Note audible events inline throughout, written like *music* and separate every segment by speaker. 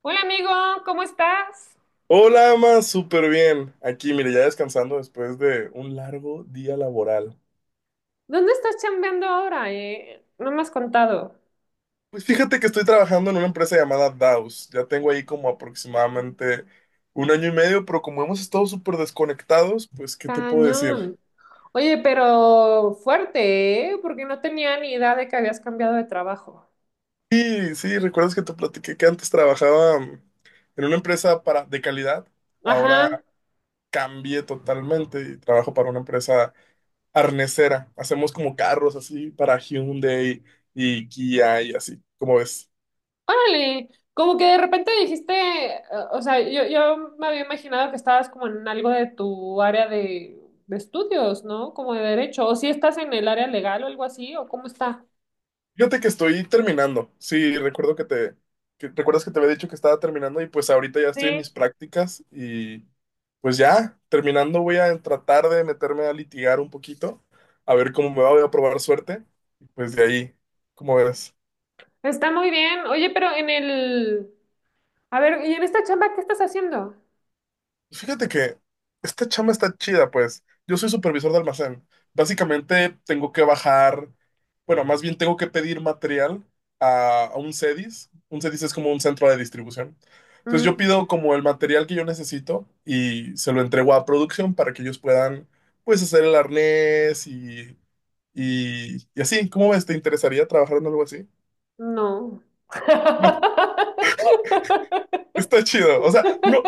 Speaker 1: Hola amigo, ¿cómo estás?
Speaker 2: Hola, Ama, súper bien. Aquí, mire, ya descansando después de un largo día laboral.
Speaker 1: ¿Dónde estás chambeando ahora? ¿Eh? No me has contado.
Speaker 2: Pues fíjate que estoy trabajando en una empresa llamada Daus. Ya tengo ahí como aproximadamente un año y medio, pero como hemos estado súper desconectados, pues, ¿qué te puedo decir?
Speaker 1: Cañón. Oye, pero fuerte, ¿eh? Porque no tenía ni idea de que habías cambiado de trabajo.
Speaker 2: Sí, sí, ¿recuerdas que te platiqué que antes trabajaba en una empresa para, de calidad? Ahora
Speaker 1: Ajá.
Speaker 2: cambié totalmente y trabajo para una empresa arnesera. Hacemos como carros así para Hyundai y Kia y así, como ves.
Speaker 1: Órale. Como que de repente dijiste, eh, o sea, yo me había imaginado que estabas como en algo de tu área de estudios, ¿no? Como de derecho. O si estás en el área legal o algo así, o cómo está.
Speaker 2: Fíjate que estoy terminando. Sí, recuerdo que te, recuerdas que te había dicho que estaba terminando y pues ahorita ya estoy en
Speaker 1: Sí,
Speaker 2: mis prácticas y pues ya terminando voy a tratar de meterme a litigar un poquito, a ver cómo me va, voy a probar suerte y pues de ahí, ¿cómo ves?
Speaker 1: está muy bien. Oye, pero en el... A ver, ¿y en esta chamba qué estás haciendo?
Speaker 2: Fíjate que esta chamba está chida, pues. Yo soy supervisor de almacén. Básicamente tengo que bajar, bueno, más bien tengo que pedir material a un CEDIS. Un CEDIS es como un centro de distribución. Entonces yo
Speaker 1: Mm,
Speaker 2: pido como el material que yo necesito y se lo entrego a producción para que ellos puedan, pues, hacer el arnés y, y así. ¿Cómo ves? ¿Te interesaría trabajar en algo así?
Speaker 1: no.
Speaker 2: No, *laughs*
Speaker 1: *laughs*
Speaker 2: está chido. O sea, no,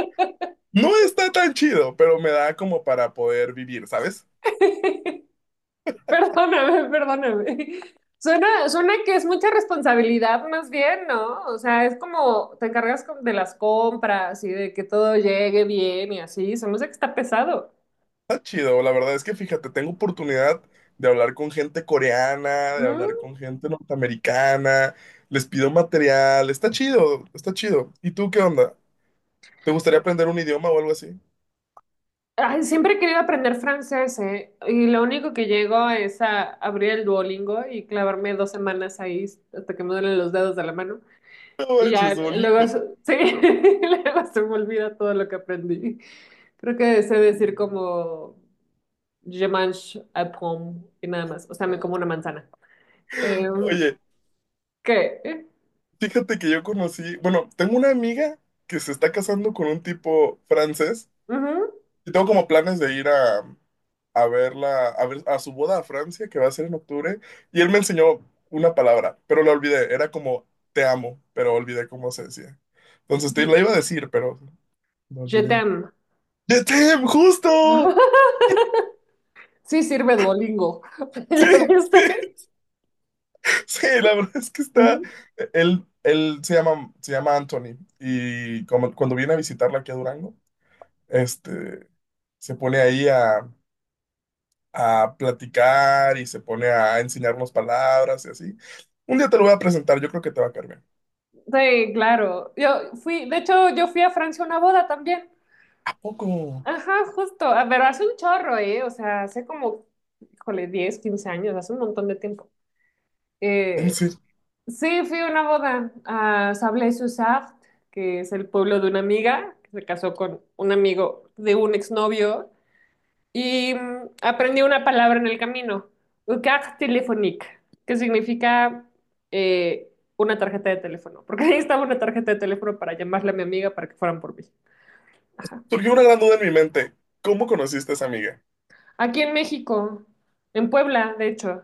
Speaker 2: no está tan chido, pero me da como para poder vivir, ¿sabes?
Speaker 1: Perdóname, perdóname. Suena, suena que es mucha responsabilidad más bien, ¿no? O sea, es como te encargas de las compras y de que todo llegue bien y así. Se me hace que está pesado.
Speaker 2: Está chido, la verdad es que fíjate, tengo oportunidad de hablar con gente coreana, de
Speaker 1: Mm.
Speaker 2: hablar con gente norteamericana, les pido material, está chido, está chido. ¿Y tú qué onda? ¿Te gustaría aprender un idioma o algo así?
Speaker 1: Ay, siempre he querido aprender francés, ¿eh? Y lo único que llego es a abrir el Duolingo y clavarme dos semanas ahí hasta que me duelen los dedos de la mano.
Speaker 2: No
Speaker 1: Y ya,
Speaker 2: manches,
Speaker 1: luego,
Speaker 2: bonito.
Speaker 1: sí, *laughs* luego se me olvida todo lo que aprendí. Creo que sé decir como je mange un pomme y nada más. O sea, me como una manzana. ¿Eh,
Speaker 2: Oye,
Speaker 1: qué?
Speaker 2: fíjate que yo conocí, bueno, tengo una amiga que se está casando con un tipo francés.
Speaker 1: Ujú.
Speaker 2: Yo tengo como planes de ir a verla, a ver a su boda a Francia, que va a ser en octubre, y él me enseñó una palabra, pero la olvidé. Era como te amo, pero olvidé cómo se decía. Entonces te
Speaker 1: Je,
Speaker 2: la iba a decir, pero no
Speaker 1: je
Speaker 2: olvidé.
Speaker 1: t'aime.
Speaker 2: ¡Ya te amo! ¡Justo! *laughs*
Speaker 1: *laughs* Sí, sirve Duolingo. *laughs* ¿Ya
Speaker 2: Sí, sí,
Speaker 1: viste?
Speaker 2: sí, la verdad es que está.
Speaker 1: Mm.
Speaker 2: Él se llama Anthony, y como, cuando viene a visitarla aquí a Durango, este, se pone ahí a platicar y se pone a enseñarnos palabras y así. Un día te lo voy a presentar, yo creo que te va a caer bien.
Speaker 1: Sí, claro. Yo fui, de hecho, yo fui a Francia a una boda también.
Speaker 2: ¿A poco?
Speaker 1: Ajá, justo. A ver, hace un chorro, ¿eh? O sea, hace como, híjole, 10 15 años, hace un montón de tiempo.
Speaker 2: En
Speaker 1: Eh,
Speaker 2: serio.
Speaker 1: Sí, fui a una boda a Sablé-sur-Sarthe, que es el pueblo de una amiga, que se casó con un amigo de un exnovio, y aprendí una palabra en el camino, carte téléphonique, que significa eh, una tarjeta de teléfono, porque ahí estaba una tarjeta de teléfono para llamarle a mi amiga para que fueran por mí. Ajá.
Speaker 2: Surgió una gran duda en mi mente. ¿Cómo conociste a esa amiga?
Speaker 1: Aquí en México, en Puebla, de hecho.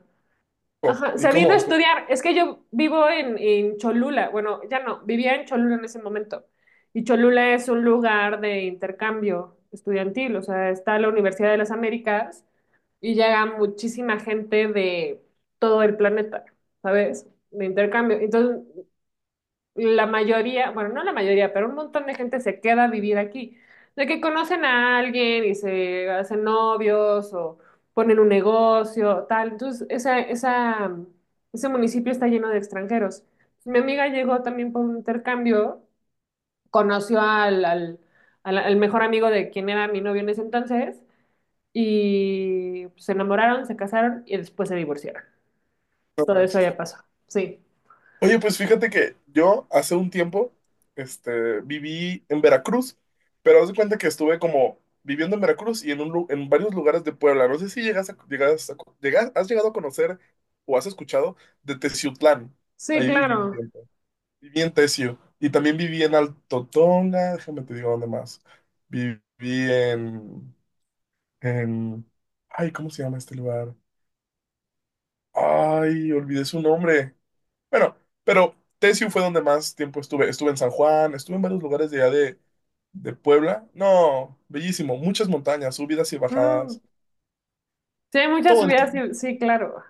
Speaker 2: Oh,
Speaker 1: Ajá,
Speaker 2: ¿y
Speaker 1: se vino
Speaker 2: cómo?
Speaker 1: a estudiar. Es que yo vivo en Cholula. Bueno, ya no, vivía en Cholula en ese momento. Y Cholula es un lugar de intercambio estudiantil. O sea, está la Universidad de las Américas y llega muchísima gente de todo el planeta, ¿sabes? De intercambio. Entonces, la mayoría, bueno, no la mayoría, pero un montón de gente se queda a vivir aquí. De que conocen a alguien y se hacen novios o ponen un negocio, tal. Entonces, ese municipio está lleno de extranjeros. Mi amiga llegó también por un intercambio, conoció al mejor amigo de quien era mi novio en ese entonces y se enamoraron, se casaron y después se divorciaron.
Speaker 2: No
Speaker 1: Todo eso
Speaker 2: manches.
Speaker 1: ya pasó. Sí.
Speaker 2: Oye, pues fíjate que yo hace un tiempo viví en Veracruz, pero haz de cuenta que estuve como viviendo en Veracruz y en, un, en varios lugares de Puebla. No sé si has llegado a conocer o has escuchado de Teciutlán.
Speaker 1: Sí,
Speaker 2: Ahí viví un
Speaker 1: claro.
Speaker 2: tiempo. Viví en Tesio y también viví en Alto Tonga, déjame te digo dónde más. Viví en, en, ay, ¿cómo se llama este lugar? Ay, olvidé su nombre. Bueno, pero Tesio fue donde más tiempo estuve. Estuve en San Juan, estuve en varios lugares de allá de Puebla. No, bellísimo, muchas montañas, subidas y
Speaker 1: Mm.
Speaker 2: bajadas,
Speaker 1: Sí, hay muchas
Speaker 2: todo el
Speaker 1: subidas, sí,
Speaker 2: tiempo.
Speaker 1: sí, claro.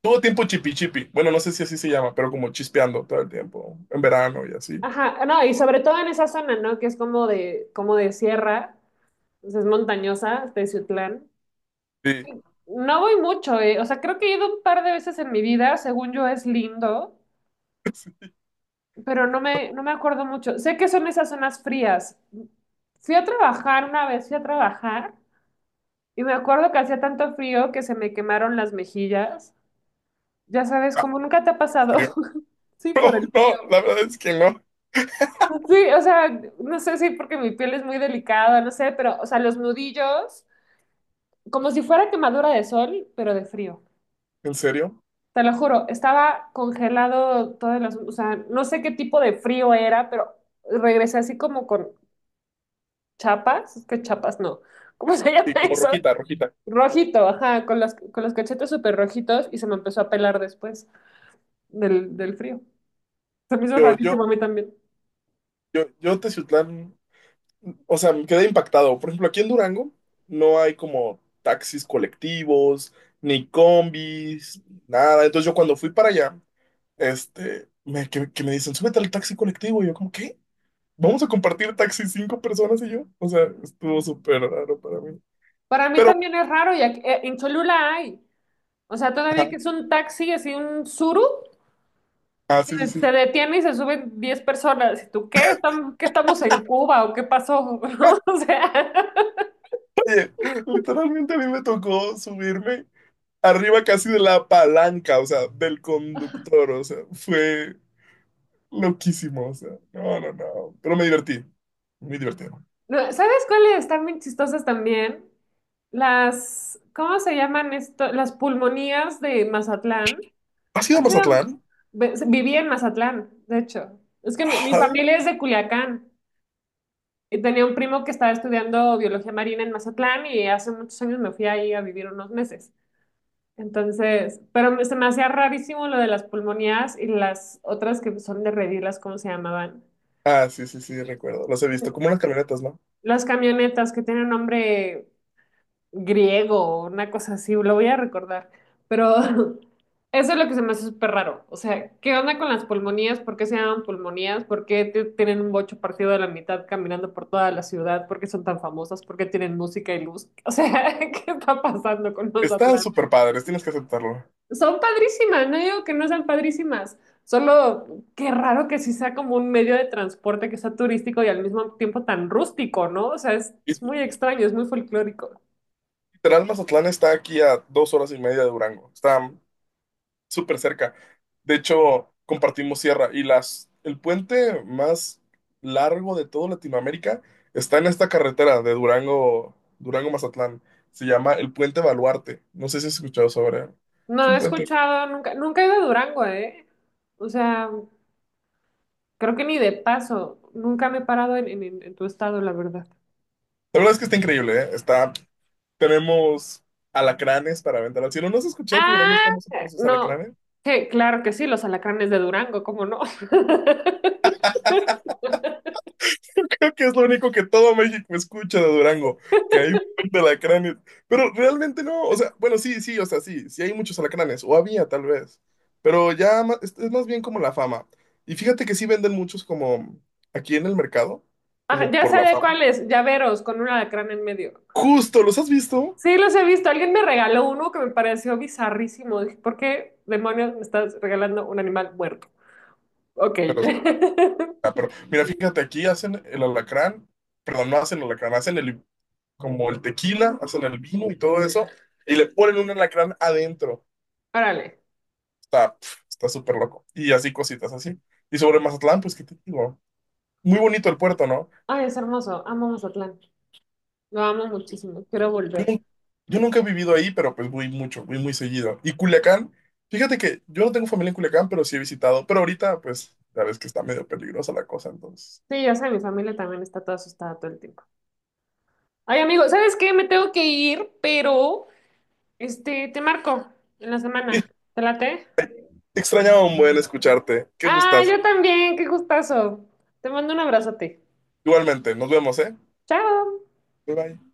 Speaker 2: Todo el tiempo chipi chipi. Bueno, no sé si así se llama, pero como chispeando todo el tiempo, en verano y así.
Speaker 1: Ajá, no, y sobre todo en esa zona, ¿no? Que es como de sierra, pues es montañosa, Teciutlán.
Speaker 2: Sí.
Speaker 1: No voy mucho, eh. O sea, creo que he ido un par de veces en mi vida, según yo es lindo,
Speaker 2: *laughs* Sí.
Speaker 1: pero no me, no me acuerdo mucho. Sé que son esas zonas frías. Fui a trabajar una vez, fui a trabajar, y me acuerdo que hacía tanto frío que se me quemaron las mejillas. Ya sabes,
Speaker 2: Ah,
Speaker 1: como nunca te ha pasado.
Speaker 2: frío. *laughs*
Speaker 1: *laughs* Sí, por
Speaker 2: No,
Speaker 1: el
Speaker 2: no,
Speaker 1: frío.
Speaker 2: la verdad es que no.
Speaker 1: Sí, o sea, no sé si porque mi piel es muy delicada, no sé, pero, o sea, los nudillos, como si fuera quemadura de sol, pero de frío.
Speaker 2: ¿En serio?
Speaker 1: Te lo juro, estaba congelado todas las, o sea, no sé qué tipo de frío era, pero regresé así como con chapas, es que chapas no, *laughs* ¿cómo se llama
Speaker 2: Sí, como
Speaker 1: eso?
Speaker 2: rojita, rojita.
Speaker 1: Rojito, ajá, con los cachetes súper rojitos y se me empezó a pelar después del, del frío. Se me hizo
Speaker 2: Yo, yo,
Speaker 1: rarísimo a mí también.
Speaker 2: yo Teciutlán, o sea, me quedé impactado. Por ejemplo, aquí en Durango no hay como taxis colectivos, ni combis, nada. Entonces yo cuando fui para allá, me, que me dicen, súbete al taxi colectivo. Y yo como, ¿qué? ¿Vamos a compartir taxi cinco personas y yo? O sea, estuvo súper raro para mí.
Speaker 1: Para mí
Speaker 2: Pero,
Speaker 1: también es raro y en Cholula hay. O sea, todavía
Speaker 2: ajá,
Speaker 1: que es un taxi, así un suru,
Speaker 2: ah,
Speaker 1: que
Speaker 2: sí, sí, sí.
Speaker 1: se detiene y se suben 10 personas. ¿Y tú qué? ¿Estamos, qué estamos en Cuba o qué pasó? *laughs* ¿No? O sea,
Speaker 2: Oye, literalmente a mí me tocó subirme arriba casi de la palanca, o sea, del conductor, o sea, fue loquísimo, o sea, no, no, no, pero me divertí, muy divertido.
Speaker 1: no, ¿sabes cuáles están bien chistosas también? Las, ¿cómo se llaman esto? Las pulmonías de Mazatlán.
Speaker 2: ¿Has ido a
Speaker 1: Han
Speaker 2: Mazatlán?
Speaker 1: sido- viví en Mazatlán, de hecho. Es que mi
Speaker 2: Ajá.
Speaker 1: familia es de Culiacán y tenía un primo que estaba estudiando biología marina en Mazatlán y hace muchos años me fui ahí a vivir unos meses. Entonces, pero se me hacía rarísimo lo de las pulmonías y las otras que son de redilas, ¿cómo se llamaban?
Speaker 2: Ah, sí, sí, sí, recuerdo, los he visto, como unas camionetas, ¿no?
Speaker 1: Las camionetas que tienen nombre griego, una cosa así, lo voy a recordar. Pero *laughs* eso es lo que se me hace súper raro. O sea, ¿qué onda con las pulmonías? ¿Por qué se llaman pulmonías? ¿Por qué tienen un bocho partido de la mitad caminando por toda la ciudad? ¿Por qué son tan famosas? ¿Por qué tienen música y luz? O sea, *laughs* ¿qué está pasando con los...
Speaker 2: Están súper padres, tienes que aceptarlo.
Speaker 1: Son padrísimas, no digo que no sean padrísimas, solo qué raro que sí sea como un medio de transporte que sea turístico y al mismo tiempo tan rústico, ¿no? O sea,
Speaker 2: Y
Speaker 1: es muy extraño, es muy folclórico.
Speaker 2: literal, Mazatlán está aquí a dos horas y media de Durango, está súper cerca. De hecho, compartimos sierra y las, el puente más largo de toda Latinoamérica está en esta carretera de Durango, Durango-Mazatlán. Se llama el Puente Baluarte. No sé si has escuchado sobre él. Es
Speaker 1: No
Speaker 2: un
Speaker 1: he
Speaker 2: puente.
Speaker 1: escuchado, nunca, nunca he ido a Durango, ¿eh? O sea, creo que ni de paso, nunca me he parado en tu estado, la verdad.
Speaker 2: La verdad es que está increíble, ¿eh? Está, tenemos alacranes para aventar al cielo. ¿No has escuchado que Durango es
Speaker 1: Ah,
Speaker 2: famoso por sus
Speaker 1: no,
Speaker 2: alacranes?
Speaker 1: que claro que sí, los alacranes de Durango, ¿cómo no? *laughs*
Speaker 2: *laughs* Creo que es lo único que todo México escucha de Durango, que hay un buen de alacranes. Pero realmente no, o sea, bueno, sí, sí, o sea, sí, sí hay muchos alacranes, o había tal vez, pero ya es más bien como la fama. Y fíjate que sí venden muchos como aquí en el mercado,
Speaker 1: Ah,
Speaker 2: como
Speaker 1: ya
Speaker 2: por
Speaker 1: sé
Speaker 2: la
Speaker 1: de
Speaker 2: fama.
Speaker 1: cuáles, llaveros con un alacrán en medio.
Speaker 2: Justo, ¿los has visto?
Speaker 1: Sí, los he visto. Alguien me regaló uno que me pareció bizarrísimo. Dije, ¿por qué demonios me estás regalando un animal muerto? Ok.
Speaker 2: Pero, ah,
Speaker 1: *laughs*
Speaker 2: pero mira, fíjate, aquí hacen el alacrán, perdón, no hacen el alacrán, hacen el, como el tequila, hacen el vino y todo eso, y le ponen un alacrán adentro.
Speaker 1: Órale.
Speaker 2: Está, pf, está súper loco. Y así cositas así. Y sobre Mazatlán, pues, ¿qué te digo? Muy bonito el puerto, ¿no?
Speaker 1: Ay, es hermoso. Amo Mazatlán. Lo amo muchísimo. Quiero
Speaker 2: Yo,
Speaker 1: volver.
Speaker 2: nun- yo nunca he vivido ahí, pero pues voy mucho, voy muy seguido. Y Culiacán, fíjate que yo no tengo familia en Culiacán, pero sí he visitado. Pero ahorita, pues, ya ves que está medio peligrosa la cosa, entonces.
Speaker 1: Sí, ya sé, mi familia también está toda asustada todo el tiempo. Ay, amigo, ¿sabes qué? Me tengo que ir, pero este, te marco en la semana.
Speaker 2: *laughs*
Speaker 1: ¿Te late?
Speaker 2: Y te extrañaba un buen escucharte. Qué
Speaker 1: Ah,
Speaker 2: gustas.
Speaker 1: yo también. Qué gustazo. Te mando un abrazote.
Speaker 2: Igualmente, nos vemos, ¿eh?
Speaker 1: Chao.
Speaker 2: Bye bye.